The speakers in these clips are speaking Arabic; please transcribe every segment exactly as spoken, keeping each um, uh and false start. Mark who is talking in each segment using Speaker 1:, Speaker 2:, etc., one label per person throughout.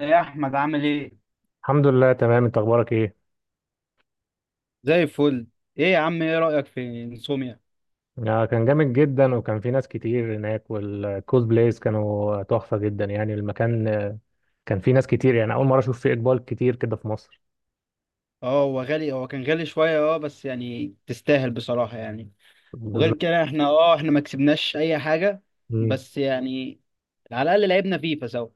Speaker 1: يا احمد عامل ايه؟
Speaker 2: الحمد لله تمام، انت اخبارك ايه؟
Speaker 1: زي الفل. ايه يا عم، ايه رأيك في انسوميا؟
Speaker 2: آه، كان جامد جدا، وكان في ناس كتير هناك، والكوز بلايز كانوا تحفة جدا. يعني المكان آه، كان في ناس كتير. يعني اول مرة اشوف فيه اقبال كتير كده في مصر.
Speaker 1: اه هو غالي، هو كان غالي شوية. اه بس يعني تستاهل بصراحة يعني. وغير
Speaker 2: بالظبط.
Speaker 1: كده احنا اه احنا ما كسبناش اي حاجة،
Speaker 2: مم.
Speaker 1: بس يعني على الأقل لعبنا فيفا سوا.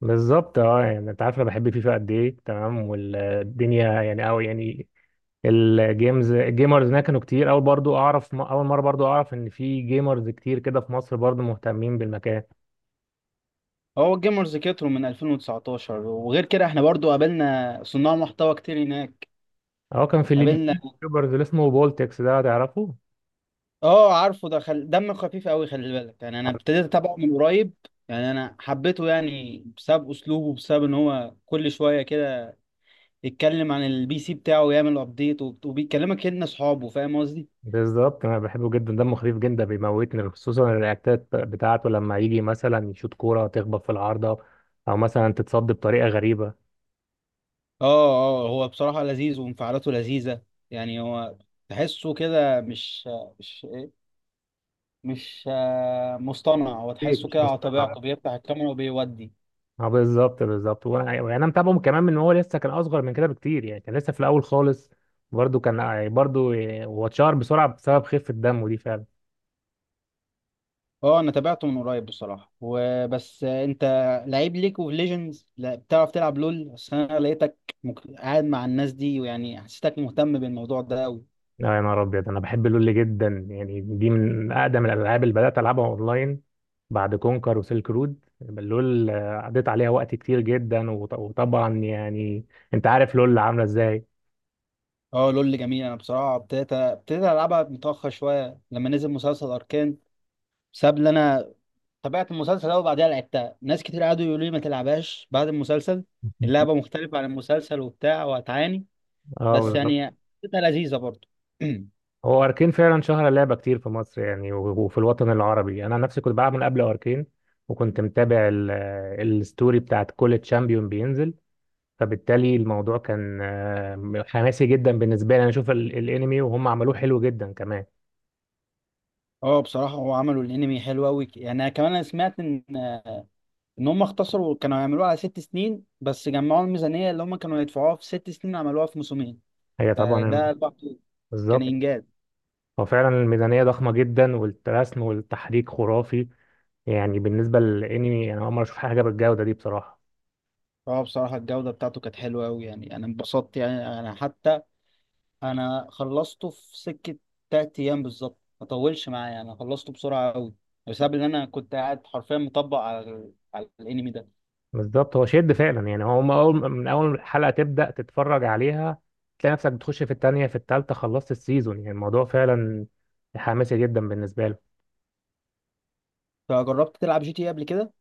Speaker 2: بالظبط. اه يعني انت عارف انا بحب فيفا قد ايه، تمام؟ والدنيا يعني، او يعني الجيمز الجيمرز هناك كانوا كتير. اول برضو اعرف، اول مرة برضو اعرف ان في جيمرز كتير كده في مصر برضو مهتمين بالمكان.
Speaker 1: هو الجيمرز كتروا من ألفين وتسعتاشر، وغير كده احنا برضو قابلنا صناع محتوى كتير هناك.
Speaker 2: اه كان في اللي
Speaker 1: قابلنا.
Speaker 2: دي يوتيوبرز اللي اسمه بولتكس ده، تعرفه؟
Speaker 1: اه عارفه ده، خل... دم خفيف قوي، خلي بالك. يعني انا ابتديت اتابعه من قريب، يعني انا حبيته يعني بسبب اسلوبه، بسبب ان هو كل شوية كده يتكلم عن البي سي بتاعه ويعمل ابديت وبيكلمك ان اصحابه، فاهم قصدي.
Speaker 2: بالظبط انا بحبه جدا، دمه خفيف جدا، بيموتني خصوصا الرياكتات بتاعته لما يجي مثلا يشوط كوره تخبط في العارضه، او مثلا تتصد بطريقه غريبه.
Speaker 1: اه. اه هو بصراحة لذيذ وانفعالاته لذيذة. يعني هو تحسه كده مش مش مش آه، مصطنع، هو
Speaker 2: شيء
Speaker 1: تحسه
Speaker 2: مش
Speaker 1: كده على
Speaker 2: مصطنع.
Speaker 1: طبيعته، بيفتح الكاميرا وبيودي.
Speaker 2: اه بالظبط بالظبط. وانا يعني انا متابعه كمان من هو لسه كان اصغر من كده بكتير. يعني كان لسه في الاول خالص، برضه كان آه، برضه هو اتشهر بسرعه بسبب خفه دمه دي فعلا.
Speaker 1: اه انا تابعته من قريب بصراحة وبس. آه، انت لعيب ليك اوف ليجندز؟ لا بتعرف تلعب لول؟ بس انا لقيتك مك... قاعد مع الناس دي، ويعني حسيتك مهتم بالموضوع ده قوي.
Speaker 2: لا يا نهار ابيض، انا بحب لول جدا. يعني دي من اقدم الالعاب اللي بدات العبها اونلاين بعد كونكر وسيلك رود. لول آه، قضيت عليها وقت كتير جدا، وط- وطبعا يعني انت عارف لول عامله ازاي.
Speaker 1: اه لول جميل. انا بصراحه ابتديت ابتديت العبها متاخر شويه لما نزل مسلسل اركان، بسبب ان انا تابعت المسلسل ده، وبعديها لعبتها. ناس كتير قعدوا يقولوا لي ما تلعبهاش بعد المسلسل، اللعبه مختلفه عن المسلسل وبتاع وهتعاني.
Speaker 2: اه
Speaker 1: بس
Speaker 2: بالظبط.
Speaker 1: يعني حسيتها لذيذه برضه.
Speaker 2: هو اركين فعلا شهر لعبه كتير في مصر يعني، و- وفي الوطن العربي. انا نفسي كنت بلعب من قبل اركين، وكنت متابع ال- آه، الستوري بتاعت كل تشامبيون بينزل. فبالتالي الموضوع كان آه، حماسي جدا بالنسبه لي. انا اشوف ال- الانمي وهم عملوه حلو جدا كمان.
Speaker 1: اه بصراحه هو عملوا الانمي حلو قوي. يعني انا كمان انا سمعت ان ان هم اختصروا، كانوا يعملوها على ست سنين، بس جمعوا الميزانيه اللي هم كانوا يدفعوها في ست سنين عملوها في موسمين.
Speaker 2: هي طبعا. مم.
Speaker 1: فده لوحده كان
Speaker 2: بالظبط.
Speaker 1: انجاز.
Speaker 2: هو فعلا الميزانية ضخمة جدا، والرسم والتحريك خرافي. يعني بالنسبة للانمي، انا اول مرة اشوف حاجة بالجودة دي بصراحة.
Speaker 1: اه بصراحة الجودة بتاعته كانت حلوة أوي، يعني أنا انبسطت. يعني أنا حتى أنا خلصته في سكة تلات أيام بالظبط، ما طولش معايا، أنا خلصته بسرعة أوي بسبب إن أنا كنت قاعد حرفيا مطبق على ال... على الأنمي ده.
Speaker 2: بالظبط هو شد فعلا. يعني هو من اول، من اول حلقة تبدأ تتفرج عليها، تلاقي نفسك بتخش في التانية في التالتة، خلصت السيزون. يعني الموضوع فعلا حماسي جدا بالنسبة له.
Speaker 1: فجربت تلعب جي تي إيه قبل كده؟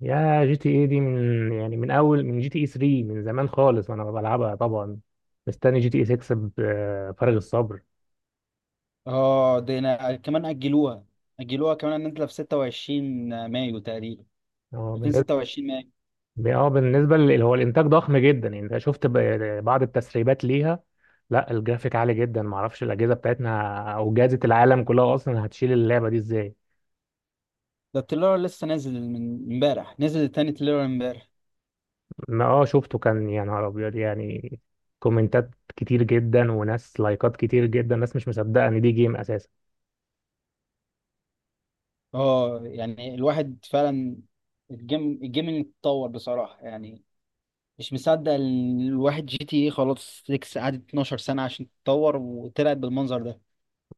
Speaker 2: يا جي تي اي دي، من يعني من اول، من جي تي اي تلاتة، من زمان خالص وانا بلعبها طبعا. مستني جي تي اي ستة بفارغ الصبر.
Speaker 1: اه ده أنا كمان أجلوها أجلوها كمان، إن أنت في ستة وعشرين مايو تقريبا،
Speaker 2: هو
Speaker 1: ألفين وستة وعشرين مايو.
Speaker 2: اه بالنسبه لل- هو الانتاج ضخم جدا. يعني انت شفت ب- بعض التسريبات ليها؟ لا الجرافيك عالي جدا، معرفش الاجهزه بتاعتنا او جهازه العالم كلها اصلا هتشيل اللعبه دي ازاي.
Speaker 1: ده التريلر لسه نازل من امبارح، نزل تاني تريلر امبارح.
Speaker 2: ما اه شفته، كان يا نهار ابيض يعني. كومنتات كتير جدا، وناس لايكات كتير جدا. ناس مش مصدقه ان دي جيم اساسا.
Speaker 1: اه يعني الواحد فعلا الجيم الجيمنج اتطور بصراحة يعني. مش مصدق ال- الواحد جي تي ايه خلاص ستة قعدت اتناشر سنة عشان تتطور وطلعت بالمنظر ده.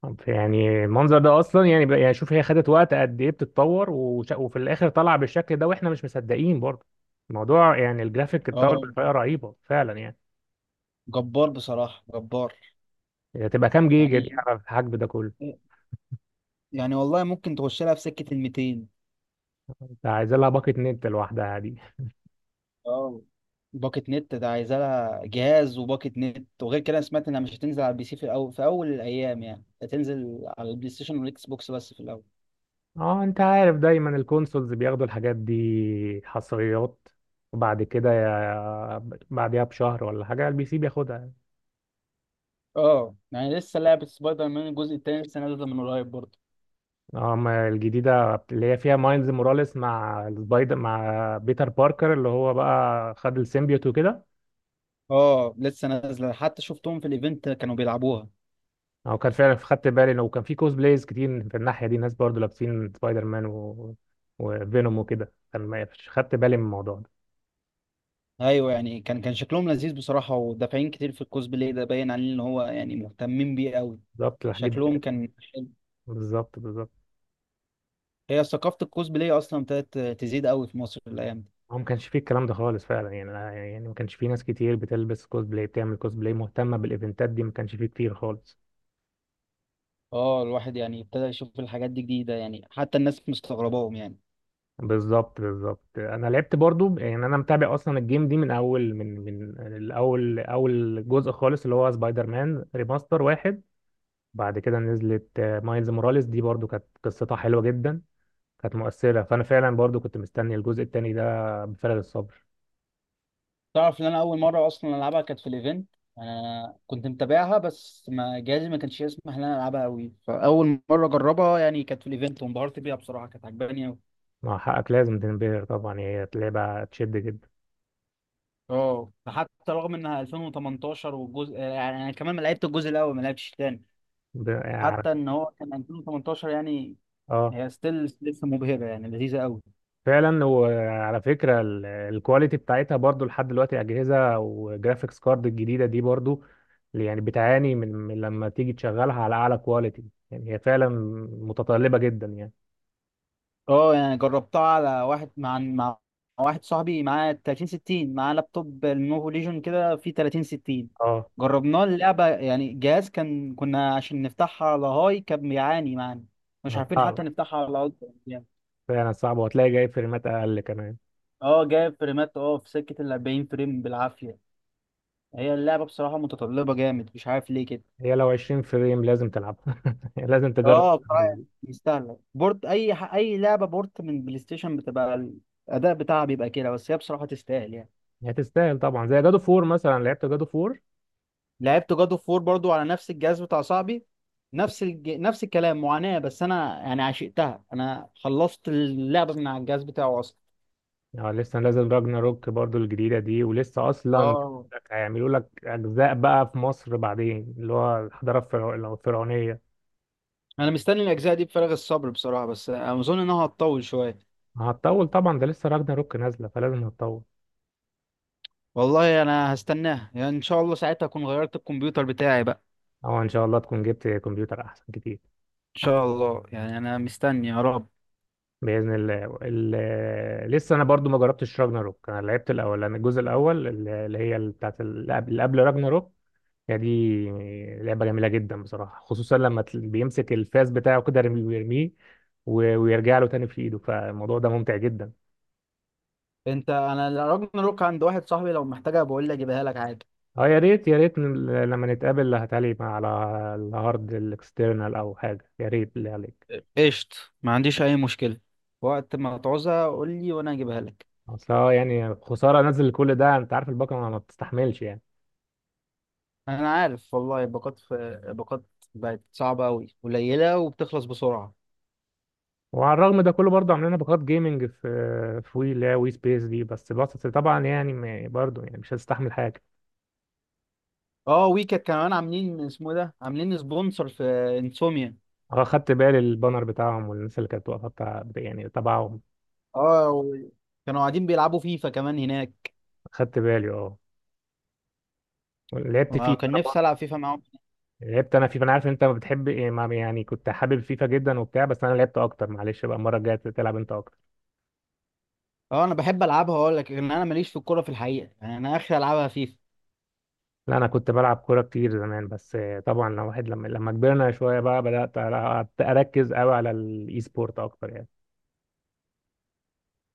Speaker 2: طب يعني المنظر ده اصلا يعني بقى- يعني شوف، هي خدت وقت قد ايه بتتطور، وش- وفي الاخر طلع بالشكل ده، واحنا مش مصدقين برضه الموضوع. يعني الجرافيك اتطور
Speaker 1: اه
Speaker 2: بطريقه رهيبه فعلا يعني.
Speaker 1: جبار بصراحة، جبار.
Speaker 2: هي تبقى كام جيجا دي
Speaker 1: يعني
Speaker 2: على الحجم ده كله؟
Speaker 1: يعني والله ممكن تخش لها في سكة ال ميتين.
Speaker 2: انت عايز لها باقة نت لوحدها دي.
Speaker 1: اه باكت نت ده عايزة لها جهاز وباكت نت. وغير كده أنا سمعت انها مش هتنزل على البي سي في الاول، في اول الايام يعني هتنزل على البلاي ستيشن والاكس بوكس بس في الاول.
Speaker 2: اه انت عارف دايما الكونسولز بياخدوا الحاجات دي حصريات، وبعد كده يا- بعديها بشهر ولا حاجة البي سي بياخدها.
Speaker 1: اه يعني لسه لعبة سبايدر مان الجزء التاني لسه نازلة من قريب برضه.
Speaker 2: اه ما الجديدة اللي هي فيها مايلز موراليس مع السبايدر، مع بيتر باركر، اللي هو بقى خد السيمبيوت وكده.
Speaker 1: اه لسه نازلة، حتى شفتهم في الايفنت كانوا بيلعبوها.
Speaker 2: او كان فعلا خدت بالي انه كان في كوز بلايز كتير في الناحية دي، ناس برضه لابسين سبايدر مان و... وفينوم وكده. كان ما خدت بالي من الموضوع ده.
Speaker 1: ايوه يعني كان كان شكلهم لذيذ بصراحه، ودافعين كتير في الكوسبلاي ده، باين عليه ان هو يعني مهتمين بيه قوي.
Speaker 2: بالظبط الحاجات دي.
Speaker 1: شكلهم كان حلو.
Speaker 2: بالظبط بالظبط.
Speaker 1: هي ثقافه الكوسبلاي اصلا ابتدت تزيد قوي في مصر الايام دي.
Speaker 2: هو ما كانش فيه الكلام ده خالص فعلا. يعني أنا- يعني ما كانش فيه ناس كتير بتلبس كوسبلاي، بتعمل كوسبلاي، مهتمه بالايفنتات دي. ما كانش فيه كتير خالص.
Speaker 1: اه الواحد يعني ابتدى يشوف الحاجات دي جديده، يعني حتى الناس مستغرباهم يعني.
Speaker 2: بالظبط بالظبط. انا لعبت برضو. يعني انا متابع اصلا الجيم دي من اول، من من الاول، اول جزء خالص اللي هو سبايدر مان ريماستر واحد. بعد كده نزلت آه، مايلز موراليس دي، برضو كانت قصتها حلوه جدا، كانت مؤثره. فانا فعلا برضو كنت مستني الجزء التاني ده بفارغ الصبر.
Speaker 1: تعرف ان انا اول مره اصلا العبها كانت في الايفنت. انا كنت متابعها، بس ما جهازي ما كانش يسمح ان انا العبها قوي، فاول مره اجربها يعني كانت في الايفنت، وانبهرت بيها بصراحه، كانت عجباني قوي.
Speaker 2: مع حقك لازم تنبهر طبعا، هي لعبه تشد جدا.
Speaker 1: اه حتى رغم انها ألفين وتمنتاشر، والجزء يعني انا كمان ما لعبت الجزء الاول، ما لعبتش الثاني،
Speaker 2: ب- يعني
Speaker 1: حتى ان هو كان ألفين وتمنتاشر يعني.
Speaker 2: اه
Speaker 1: هي ستيل لسه مبهره، يعني لذيذه قوي.
Speaker 2: فعلا. وعلى فكرة ال- الكواليتي بتاعتها برضو لحد دلوقتي، أجهزة وجرافيكس كارد الجديدة دي برضو يعني بتعاني من من لما تيجي تشغلها على أعلى كواليتي. يعني هي فعلا متطلبة جدا يعني.
Speaker 1: اه يعني جربتها على واحد مع مع واحد صاحبي معاه تلاتين ستين، معاه لابتوب لينوفو ليجون كده فيه تلاتين ستين.
Speaker 2: اه
Speaker 1: جربناه اللعبه، يعني الجهاز كان، كنا عشان نفتحها على هاي كان بيعاني معانا، مش عارفين حتى
Speaker 2: صعب،
Speaker 1: نفتحها على الترا يعني.
Speaker 2: فعلا صعب، وهتلاقي جاي فريمات أقل كمان.
Speaker 1: اه جايب فريمات، اه في سكه ال أربعين فريم بالعافيه. هي اللعبة بصراحة متطلبة جامد، مش عارف ليه كده.
Speaker 2: هي لو عشرين فريم لازم تلعبها، لازم تجرب
Speaker 1: اه بصراحة
Speaker 2: التجربة
Speaker 1: يعني
Speaker 2: دي.
Speaker 1: يستاهل بورت، اي ح- اي لعبة بورت من بلاي ستيشن بتبقى الاداء بتاعها بيبقى كده، بس هي بصراحة تستاهل يعني.
Speaker 2: هتستاهل طبعا. زي جادو فور مثلا، لعبت جادو فور؟
Speaker 1: لعبت جاد اوف وور برضو على نفس الجهاز بتاع صاحبي، نفس الج... نفس الكلام، معاناة، بس انا يعني عشقتها، انا خلصت اللعبة من على الجهاز بتاعه اصلا.
Speaker 2: اه لسه نازل راجنا روك برضو الجديدة دي، ولسه أصلا
Speaker 1: اه
Speaker 2: هيعملوا لك أجزاء بقى في مصر بعدين، اللي هو الحضارة الفرع- الفرعونية.
Speaker 1: انا مستني الاجزاء دي بفارغ الصبر بصراحه، بس اظن انها هتطول شويه.
Speaker 2: هتطول طبعا، ده لسه راجنا روك نازلة، فلازم هتطول.
Speaker 1: والله انا هستناها، يعني ان شاء الله ساعتها اكون غيرت الكمبيوتر بتاعي بقى.
Speaker 2: أو إن شاء الله تكون جبت كمبيوتر أحسن كتير.
Speaker 1: شاء الله يعني انا مستني يا رب.
Speaker 2: بإذن الله. ال- لسه أنا برضو ما جربتش راجنا روك. أنا لعبت الأول، أنا الجزء الأول، اللي اللي هي بتاعت اللي قبل، اللي قبل راجنا روك هي دي. لعبة جميلة جدا بصراحة، خصوصا لما تل- بيمسك الفاس بتاعه كده، رم- ويرميه و- ويرجع له تاني في ايده. فالموضوع ده ممتع جدا.
Speaker 1: انت انا راجناروك عند واحد صاحبي، لو محتاجها بقول لي اجيبها لك عادي.
Speaker 2: اه يا ريت يا ريت، ن- لما نتقابل هتعلي على الهارد الاكسترنال او حاجة، يا ريت اللي عليك.
Speaker 1: قشط، ما عنديش اي مشكلة. وقت ما تعوزها قول لي وانا اجيبها لك.
Speaker 2: اصل اه يعني خسارة انزل كل ده، انت عارف الباقة ما ما بتستحملش يعني.
Speaker 1: انا عارف والله الباقات في الباقات بقت صعبة قوي، قليلة وبتخلص بسرعة.
Speaker 2: وعلى الرغم ده كله، برضه عاملين باقات جيمنج في في وي، اللي هي وي سبيس دي. بس بس طبعا يعني ما- برضه يعني مش هتستحمل حاجة.
Speaker 1: اه ويكت كمان عاملين، اسمه ده، عاملين سبونسر في انسوميا.
Speaker 2: اه خدت بالي البانر بتاعهم، والناس اللي كانت واقفه بتاع يعني تبعهم.
Speaker 1: اه و- كانوا قاعدين بيلعبوا فيفا كمان هناك،
Speaker 2: خدت بالي اه. لعبت فيفا
Speaker 1: وكان
Speaker 2: انا برضه،
Speaker 1: نفسي العب فيفا معاهم.
Speaker 2: لعبت انا فيفا. انا عارف ان انت ما بتحب إيه، ما- يعني كنت حابب فيفا جدا وبتاع، بس انا لعبت اكتر. معلش بقى المره الجايه تلعب انت اكتر.
Speaker 1: اه انا بحب العبها، اقول لك ان انا ماليش في الكوره في الحقيقه، يعني انا اخر العبها فيفا.
Speaker 2: لا انا كنت بلعب كوره كتير زمان، بس آه، طبعا لو واحد لما لما كبرنا شويه بقى، بدات ألع- اركز قوي على الاي سبورت اكتر يعني.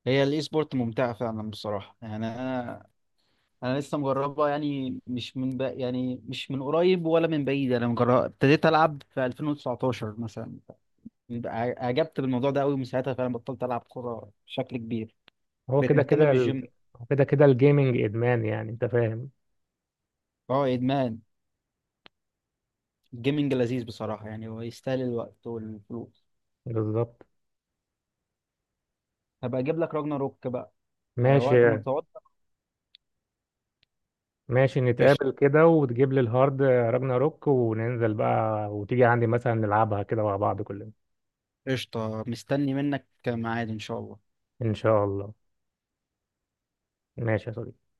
Speaker 1: هي الاي سبورت ممتعه فعلا بصراحه، يعني انا انا لسه مجربها، يعني مش من ب... يعني مش من قريب ولا من بعيد، انا مجرب ابتديت العب في ألفين وتسعتاشر مثلا. ع- اعجبت بالموضوع ده قوي، ومن ساعتها فعلا بطلت العب كوره بشكل كبير،
Speaker 2: هو
Speaker 1: بقيت
Speaker 2: كده
Speaker 1: مهتم
Speaker 2: كده
Speaker 1: بالجيم.
Speaker 2: ال... هو كده كده الجيمنج ادمان، يعني انت فاهم.
Speaker 1: اه ادمان. الجيمنج لذيذ بصراحه، يعني هو يستاهل الوقت والفلوس.
Speaker 2: بالظبط.
Speaker 1: هبقى اجيب لك راجنا روك بقى.
Speaker 2: آه،
Speaker 1: آه، وقت ما
Speaker 2: ماشي.
Speaker 1: تقعد.
Speaker 2: ماشي
Speaker 1: قشطه،
Speaker 2: نتقابل كده، وتجيب لي الهارد راجنا روك، وننزل بقى وتيجي عندي مثلا نلعبها كده مع بعض كلنا.
Speaker 1: قشطه، مستني منك ميعاد ان شاء الله.
Speaker 2: ان شاء الله. ماشي يا صديقي.